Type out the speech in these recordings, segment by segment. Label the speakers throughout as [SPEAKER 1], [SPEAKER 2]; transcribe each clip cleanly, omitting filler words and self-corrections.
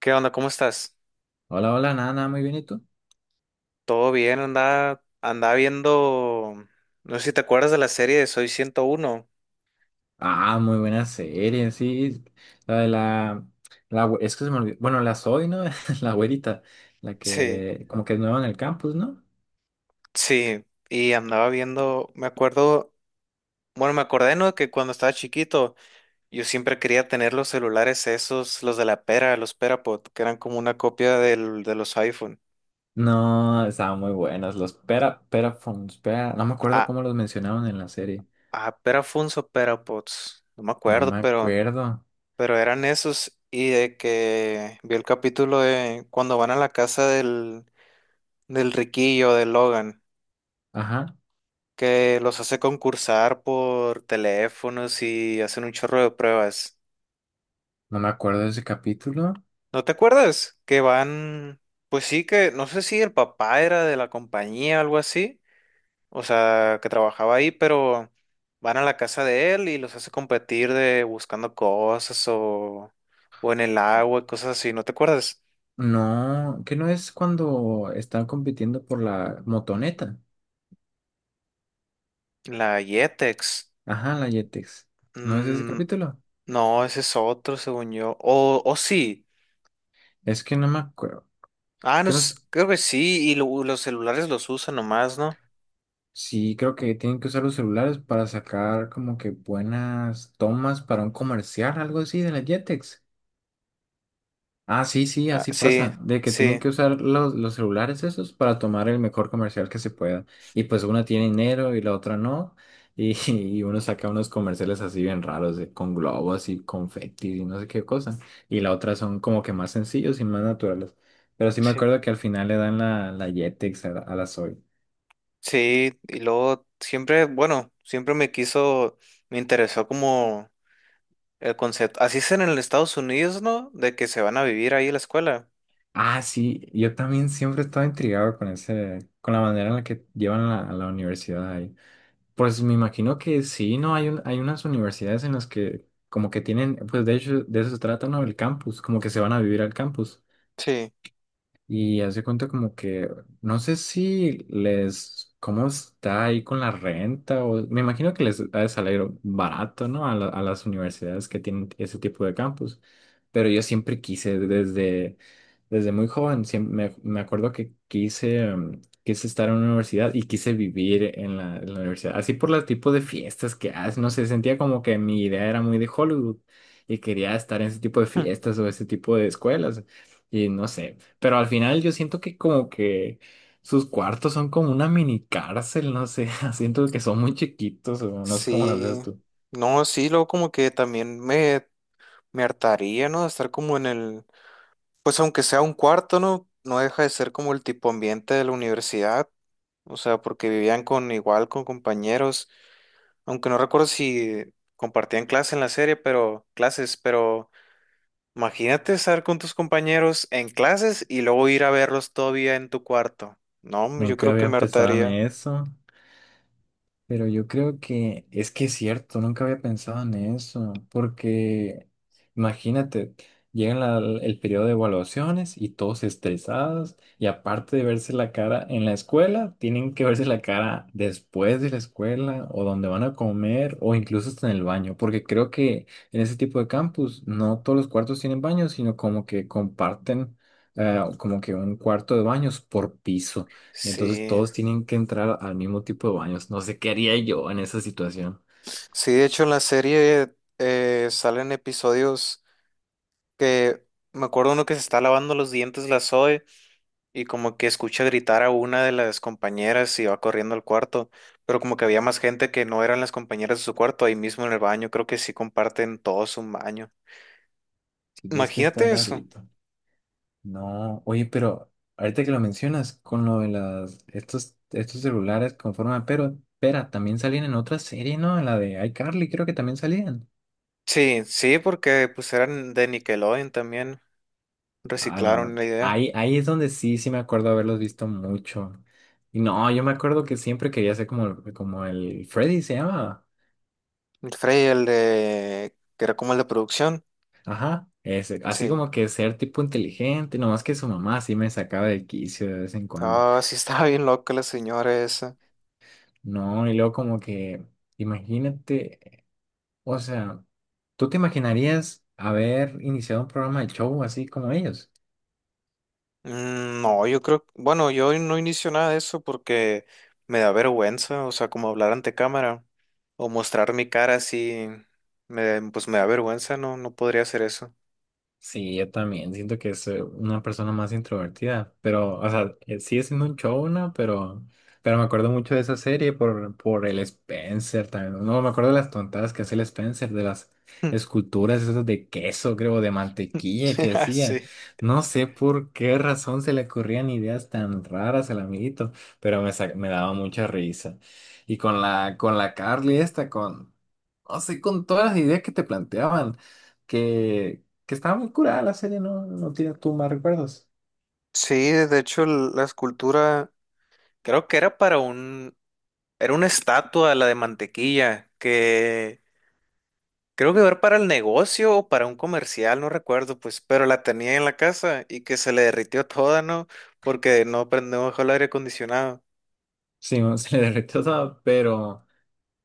[SPEAKER 1] ¿Qué onda? ¿Cómo estás?
[SPEAKER 2] Hola, hola, nada, nada, muy bien, ¿y tú?
[SPEAKER 1] ¿Todo bien? Andaba viendo, no sé si te acuerdas de la serie de Soy 101.
[SPEAKER 2] Ah, muy buena serie, sí. La de la, es que se me olvidó. Bueno, la Zoe, ¿no? La güerita, la
[SPEAKER 1] Sí,
[SPEAKER 2] que como que es nueva en el campus, ¿no?
[SPEAKER 1] sí, y andaba viendo, me acuerdo, bueno, me acordé, ¿no? Que cuando estaba chiquito, yo siempre quería tener los celulares esos, los de la pera, los Perapod, que eran como una copia de los iPhone.
[SPEAKER 2] No, estaban muy buenas. Los pera, Phones, pera, no me acuerdo
[SPEAKER 1] Ah,
[SPEAKER 2] cómo los mencionaban en la serie.
[SPEAKER 1] Perafunes o Perapods, no me
[SPEAKER 2] No me
[SPEAKER 1] acuerdo,
[SPEAKER 2] acuerdo.
[SPEAKER 1] pero eran esos. Y de que vi el capítulo de cuando van a la casa del Riquillo, de Logan,
[SPEAKER 2] Ajá,
[SPEAKER 1] que los hace concursar por teléfonos y hacen un chorro de pruebas.
[SPEAKER 2] no me acuerdo de ese capítulo.
[SPEAKER 1] ¿No te acuerdas? Que van, pues sí que, no sé si el papá era de la compañía o algo así, o sea, que trabajaba ahí, pero van a la casa de él y los hace competir de buscando cosas o en el agua y cosas así, ¿no te acuerdas?
[SPEAKER 2] No, que no es cuando están compitiendo por la motoneta.
[SPEAKER 1] La Yetex.
[SPEAKER 2] Ajá, la Yetex. ¿No es ese
[SPEAKER 1] Mm,
[SPEAKER 2] capítulo?
[SPEAKER 1] no, ese es otro, según yo. O sí.
[SPEAKER 2] Es que no me acuerdo.
[SPEAKER 1] Ah, no, s- creo que sí, y lo- los celulares los usan nomás, ¿no?
[SPEAKER 2] Sí, creo que tienen que usar los celulares para sacar como que buenas tomas para un comercial, algo así de la Jetex. Ah, sí, sí,
[SPEAKER 1] Ah,
[SPEAKER 2] así
[SPEAKER 1] sí,
[SPEAKER 2] pasa, de que tienen que
[SPEAKER 1] sí,
[SPEAKER 2] usar los celulares esos para tomar el mejor comercial que se pueda. Y pues una tiene dinero y la otra no. Y y uno saca unos comerciales así bien raros, de, con globos y confetis y no sé qué cosa. Y la otra son como que más sencillos y más naturales. Pero sí me
[SPEAKER 1] sí,
[SPEAKER 2] acuerdo que al final le dan la Jetex a, a la Zoe.
[SPEAKER 1] sí, y luego siempre, bueno, me interesó como el concepto, así es en el Estados Unidos, ¿no? De que se van a vivir ahí a la escuela.
[SPEAKER 2] Ah, sí, yo también siempre estaba intrigado con ese, con la manera en la que llevan a a la universidad ahí. Pues me imagino que sí, ¿no? Hay unas universidades en las que como que tienen, pues de hecho de eso se trata, ¿no? El campus, como que se van a vivir al campus.
[SPEAKER 1] Sí.
[SPEAKER 2] Y hace cuenta como que, no sé si les, cómo está ahí con la renta, o me imagino que les ha de salir barato, ¿no? A, a las universidades que tienen ese tipo de campus. Pero yo siempre quise, desde, desde muy joven, me, acuerdo que quise, quise estar en una universidad y quise vivir en en la universidad. Así por el tipo de fiestas que hacen, no sé, sentía como que mi idea era muy de Hollywood y quería estar en ese tipo de
[SPEAKER 1] Mm.
[SPEAKER 2] fiestas o ese tipo de escuelas. Y no sé, pero al final yo siento que como que sus cuartos son como una mini cárcel, no sé, siento que son muy chiquitos, o no sé cómo las
[SPEAKER 1] Sí,
[SPEAKER 2] ves tú.
[SPEAKER 1] no, sí, luego como que también me hartaría, ¿no? De estar como en el, pues aunque sea un cuarto, ¿no? No deja de ser como el tipo ambiente de la universidad, o sea, porque vivían con igual, con compañeros. Aunque no recuerdo si compartían clase en la serie, pero clases, pero imagínate estar con tus compañeros en clases y luego ir a verlos todavía en tu cuarto. No, yo
[SPEAKER 2] Nunca
[SPEAKER 1] creo que
[SPEAKER 2] había
[SPEAKER 1] me
[SPEAKER 2] pensado en
[SPEAKER 1] hartaría.
[SPEAKER 2] eso. Pero yo creo que es cierto, nunca había pensado en eso, porque imagínate, llega el periodo de evaluaciones y todos estresados, y aparte de verse la cara en la escuela, tienen que verse la cara después de la escuela, o donde van a comer, o incluso hasta en el baño, porque creo que en ese tipo de campus no todos los cuartos tienen baños, sino como que comparten como que un cuarto de baños por piso. Entonces
[SPEAKER 1] Sí.
[SPEAKER 2] todos tienen que entrar al mismo tipo de baños. No sé qué haría yo en esa situación.
[SPEAKER 1] Sí, de hecho en la serie salen episodios que me acuerdo uno que se está lavando los dientes la Zoe y como que escucha gritar a una de las compañeras y va corriendo al cuarto, pero como que había más gente que no eran las compañeras de su cuarto ahí mismo en el baño, creo que sí comparten todos un baño.
[SPEAKER 2] Sí, es que está
[SPEAKER 1] Imagínate eso.
[SPEAKER 2] rarito. No, oye, pero ahorita que lo mencionas, con lo de las, estos celulares con forma de pero, pera, también salían en otra serie, ¿no? En la de iCarly, creo que también salían.
[SPEAKER 1] Sí, sí, porque pues eran de Nickelodeon también.
[SPEAKER 2] Ah,
[SPEAKER 1] Reciclaron
[SPEAKER 2] no.
[SPEAKER 1] la idea.
[SPEAKER 2] Ahí es donde sí, sí me acuerdo haberlos visto mucho. Y no, yo me acuerdo que siempre quería ser como, como el Freddy, se llama.
[SPEAKER 1] El Frey, el de... que era como el de producción.
[SPEAKER 2] Ajá, ese, así
[SPEAKER 1] Sí.
[SPEAKER 2] como que ser tipo inteligente, nomás que su mamá sí me sacaba del quicio de vez en cuando.
[SPEAKER 1] Ah, sí estaba bien loca la señora esa.
[SPEAKER 2] No, y luego como que, imagínate, o sea, ¿tú te imaginarías haber iniciado un programa de show así como ellos?
[SPEAKER 1] Mm, no, yo creo... Bueno, yo no inicio nada de eso porque me da vergüenza. O sea, como hablar ante cámara o mostrar mi cara pues me da vergüenza. No, no podría hacer eso.
[SPEAKER 2] Sí, yo también siento que es una persona más introvertida, pero, o sea, sigue siendo un showna, pero me acuerdo mucho de esa serie por el Spencer también. No, me acuerdo de las tontadas que hace el Spencer, de las
[SPEAKER 1] Mm.
[SPEAKER 2] esculturas esas de queso, creo, de mantequilla que hacía.
[SPEAKER 1] Sí.
[SPEAKER 2] No sé por qué razón se le ocurrían ideas tan raras al amiguito, pero me, me daba mucha risa. Y con la Carly esta, con, no sé, con todas las ideas que te planteaban. que que estaba muy curada la serie, no, no tienes tú más recuerdos.
[SPEAKER 1] Sí, de hecho, la escultura creo que era para un, era una estatua, la de mantequilla, que creo que era para el negocio o para un comercial, no recuerdo, pues, pero la tenía en la casa y que se le derritió toda, ¿no? Porque no prendió el aire acondicionado.
[SPEAKER 2] Sí, no, se le derretió todo,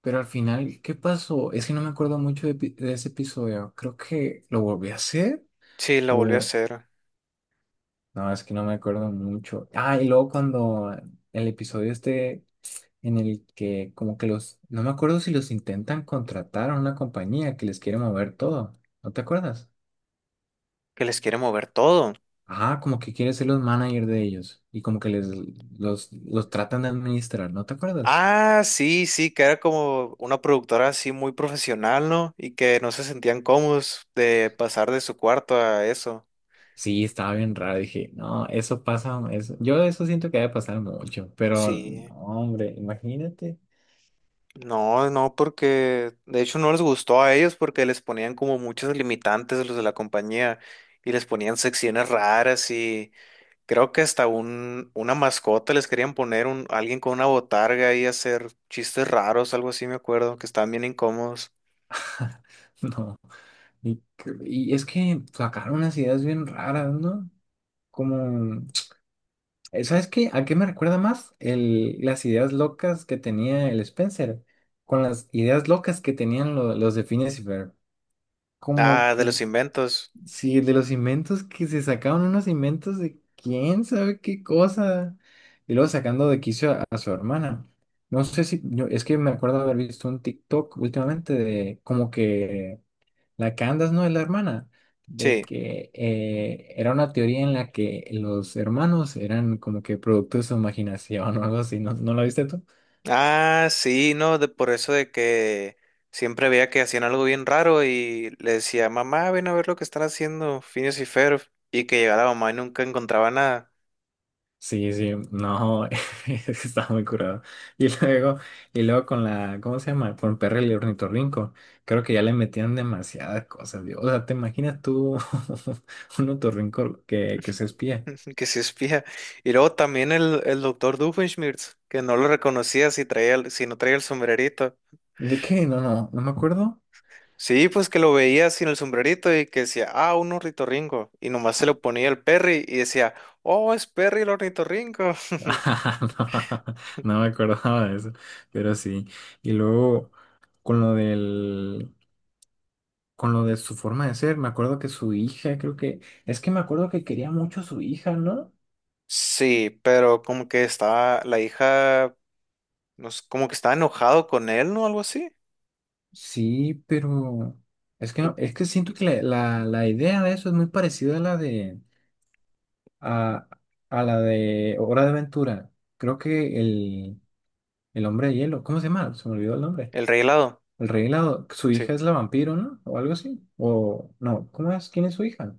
[SPEAKER 2] pero al final, ¿qué pasó? Es que no me acuerdo mucho de, de ese episodio. Creo que lo volví a hacer
[SPEAKER 1] Sí, la volvió a
[SPEAKER 2] o...
[SPEAKER 1] hacer.
[SPEAKER 2] No, es que no me acuerdo mucho. Ah, y luego cuando el episodio este en el que como que los... No me acuerdo si los intentan contratar a una compañía que les quiere mover todo. ¿No te acuerdas?
[SPEAKER 1] Que les quiere mover todo.
[SPEAKER 2] Ajá, como que quiere ser los manager de ellos y como que les los tratan de administrar, ¿no te acuerdas?
[SPEAKER 1] Ah, sí, sí, que era como una productora así muy profesional, ¿no? Y que no se sentían cómodos de pasar de su cuarto a eso.
[SPEAKER 2] Sí, estaba bien raro. Dije, no, eso pasa. Eso, yo de eso siento que debe pasar mucho, pero no,
[SPEAKER 1] Sí.
[SPEAKER 2] hombre, imagínate.
[SPEAKER 1] No, no, porque de hecho no les gustó a ellos porque les ponían como muchos limitantes a los de la compañía y les ponían secciones raras y creo que hasta una mascota les querían poner alguien con una botarga y hacer chistes raros, algo así me acuerdo, que estaban bien incómodos.
[SPEAKER 2] No. Y, y es que sacaron unas ideas bien raras, ¿no? Como, ¿sabes qué? ¿A qué me recuerda más? El, las ideas locas que tenía el Spencer, con las ideas locas que tenían los de Phineas y Ferb. Como
[SPEAKER 1] Ah, de los
[SPEAKER 2] que
[SPEAKER 1] inventos.
[SPEAKER 2] sí, el de los inventos que se sacaron unos inventos de quién sabe qué cosa. Y luego sacando de quicio a su hermana. No sé si, es que me acuerdo haber visto un TikTok últimamente de como que la Candace no es la hermana, de
[SPEAKER 1] Sí.
[SPEAKER 2] que era una teoría en la que los hermanos eran como que producto de su imaginación o algo así. ¿No, no la viste tú?
[SPEAKER 1] Ah, sí, no, de por eso de que siempre veía que hacían algo bien raro y le decía, mamá, ven a ver lo que están haciendo, Phineas y Ferb, y que llegaba la mamá y nunca encontraba nada.
[SPEAKER 2] Sí, sí, no, está muy curado. Y luego, y luego con la, ¿cómo se llama? Con Perry el ornitorrinco, creo que ya le metían demasiadas cosas, Dios. O sea, ¿te imaginas tú un ornitorrinco que se espía?
[SPEAKER 1] Que se espía. Y luego también el doctor Doofenshmirtz, que no lo reconocía si traía, si no traía el sombrerito.
[SPEAKER 2] ¿De qué? No, no, no me acuerdo.
[SPEAKER 1] Sí, pues que lo veía sin el sombrerito y que decía, ah, un ornitorrinco. Y nomás se lo ponía el Perry y decía, oh, es Perry el ornitorrinco.
[SPEAKER 2] Ah, no, no me acordaba de eso, pero sí. Y luego, con lo del, con lo de su forma de ser, me acuerdo que su hija, creo que, es que me acuerdo que quería mucho a su hija, ¿no?
[SPEAKER 1] Sí, pero como que estaba la hija, no sé, como que estaba enojado con él, ¿no? Algo así.
[SPEAKER 2] Sí, pero es que no- es que siento que la idea de eso es muy parecida a, a la de Hora de Aventura. Creo que el hombre de hielo, ¿cómo se llama? Se me olvidó el nombre.
[SPEAKER 1] El rey helado.
[SPEAKER 2] El rey helado, su
[SPEAKER 1] Sí.
[SPEAKER 2] hija es la vampiro, ¿no? O algo así. O no, ¿cómo es? ¿Quién es su hija?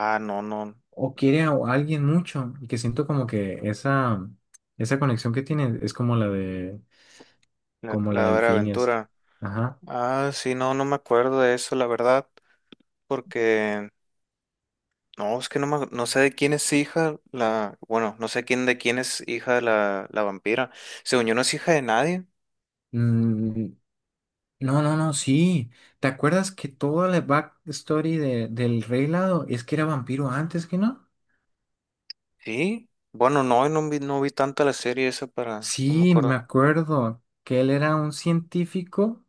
[SPEAKER 1] Ah, no, no.
[SPEAKER 2] O quiere a alguien mucho, y que siento como que esa conexión que tiene es como la de
[SPEAKER 1] La,
[SPEAKER 2] como la
[SPEAKER 1] la
[SPEAKER 2] del
[SPEAKER 1] hora de
[SPEAKER 2] Phineas.
[SPEAKER 1] aventura.
[SPEAKER 2] Ajá.
[SPEAKER 1] Ah, sí, no, no me acuerdo de eso, la verdad, porque no, es que no, me- no sé de quién es hija la... Bueno, no sé quién de quién es hija la vampira. Según yo no es hija de nadie.
[SPEAKER 2] Mm, no, no, no, sí. ¿Te acuerdas que toda la backstory de, del Rey Helado es que era vampiro antes que no?
[SPEAKER 1] Sí. Bueno, no, no vi, no vi tanto la serie esa para... No me
[SPEAKER 2] Sí, me
[SPEAKER 1] acuerdo.
[SPEAKER 2] acuerdo que él era un científico.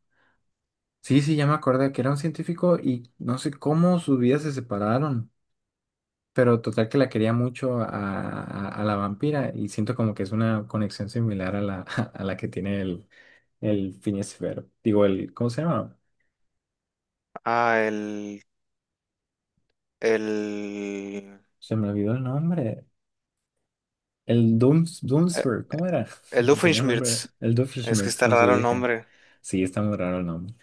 [SPEAKER 2] Sí, sí, ya me acordé que era un científico y no sé cómo sus vidas se separaron. Pero total que la quería mucho a, a la vampira y siento como que es una conexión similar a la, a la que tiene el Phineas y Ferb. Digo, el, ¿cómo se llama?
[SPEAKER 1] Ah, el... El...
[SPEAKER 2] Se me olvidó el nombre. El dooms
[SPEAKER 1] eh,
[SPEAKER 2] Dunsfer, ¿cómo era?
[SPEAKER 1] el
[SPEAKER 2] Tenía un
[SPEAKER 1] Doofenshmirtz.
[SPEAKER 2] nombre, el
[SPEAKER 1] Es que
[SPEAKER 2] Doofenshmirtz
[SPEAKER 1] está
[SPEAKER 2] con su
[SPEAKER 1] raro el
[SPEAKER 2] vieja.
[SPEAKER 1] nombre.
[SPEAKER 2] Sí, está muy raro el nombre.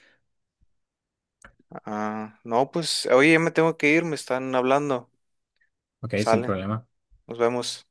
[SPEAKER 1] Ah, no, pues, oye, ya me tengo que ir, me están hablando.
[SPEAKER 2] Ok, sin
[SPEAKER 1] Sale,
[SPEAKER 2] problema.
[SPEAKER 1] nos vemos.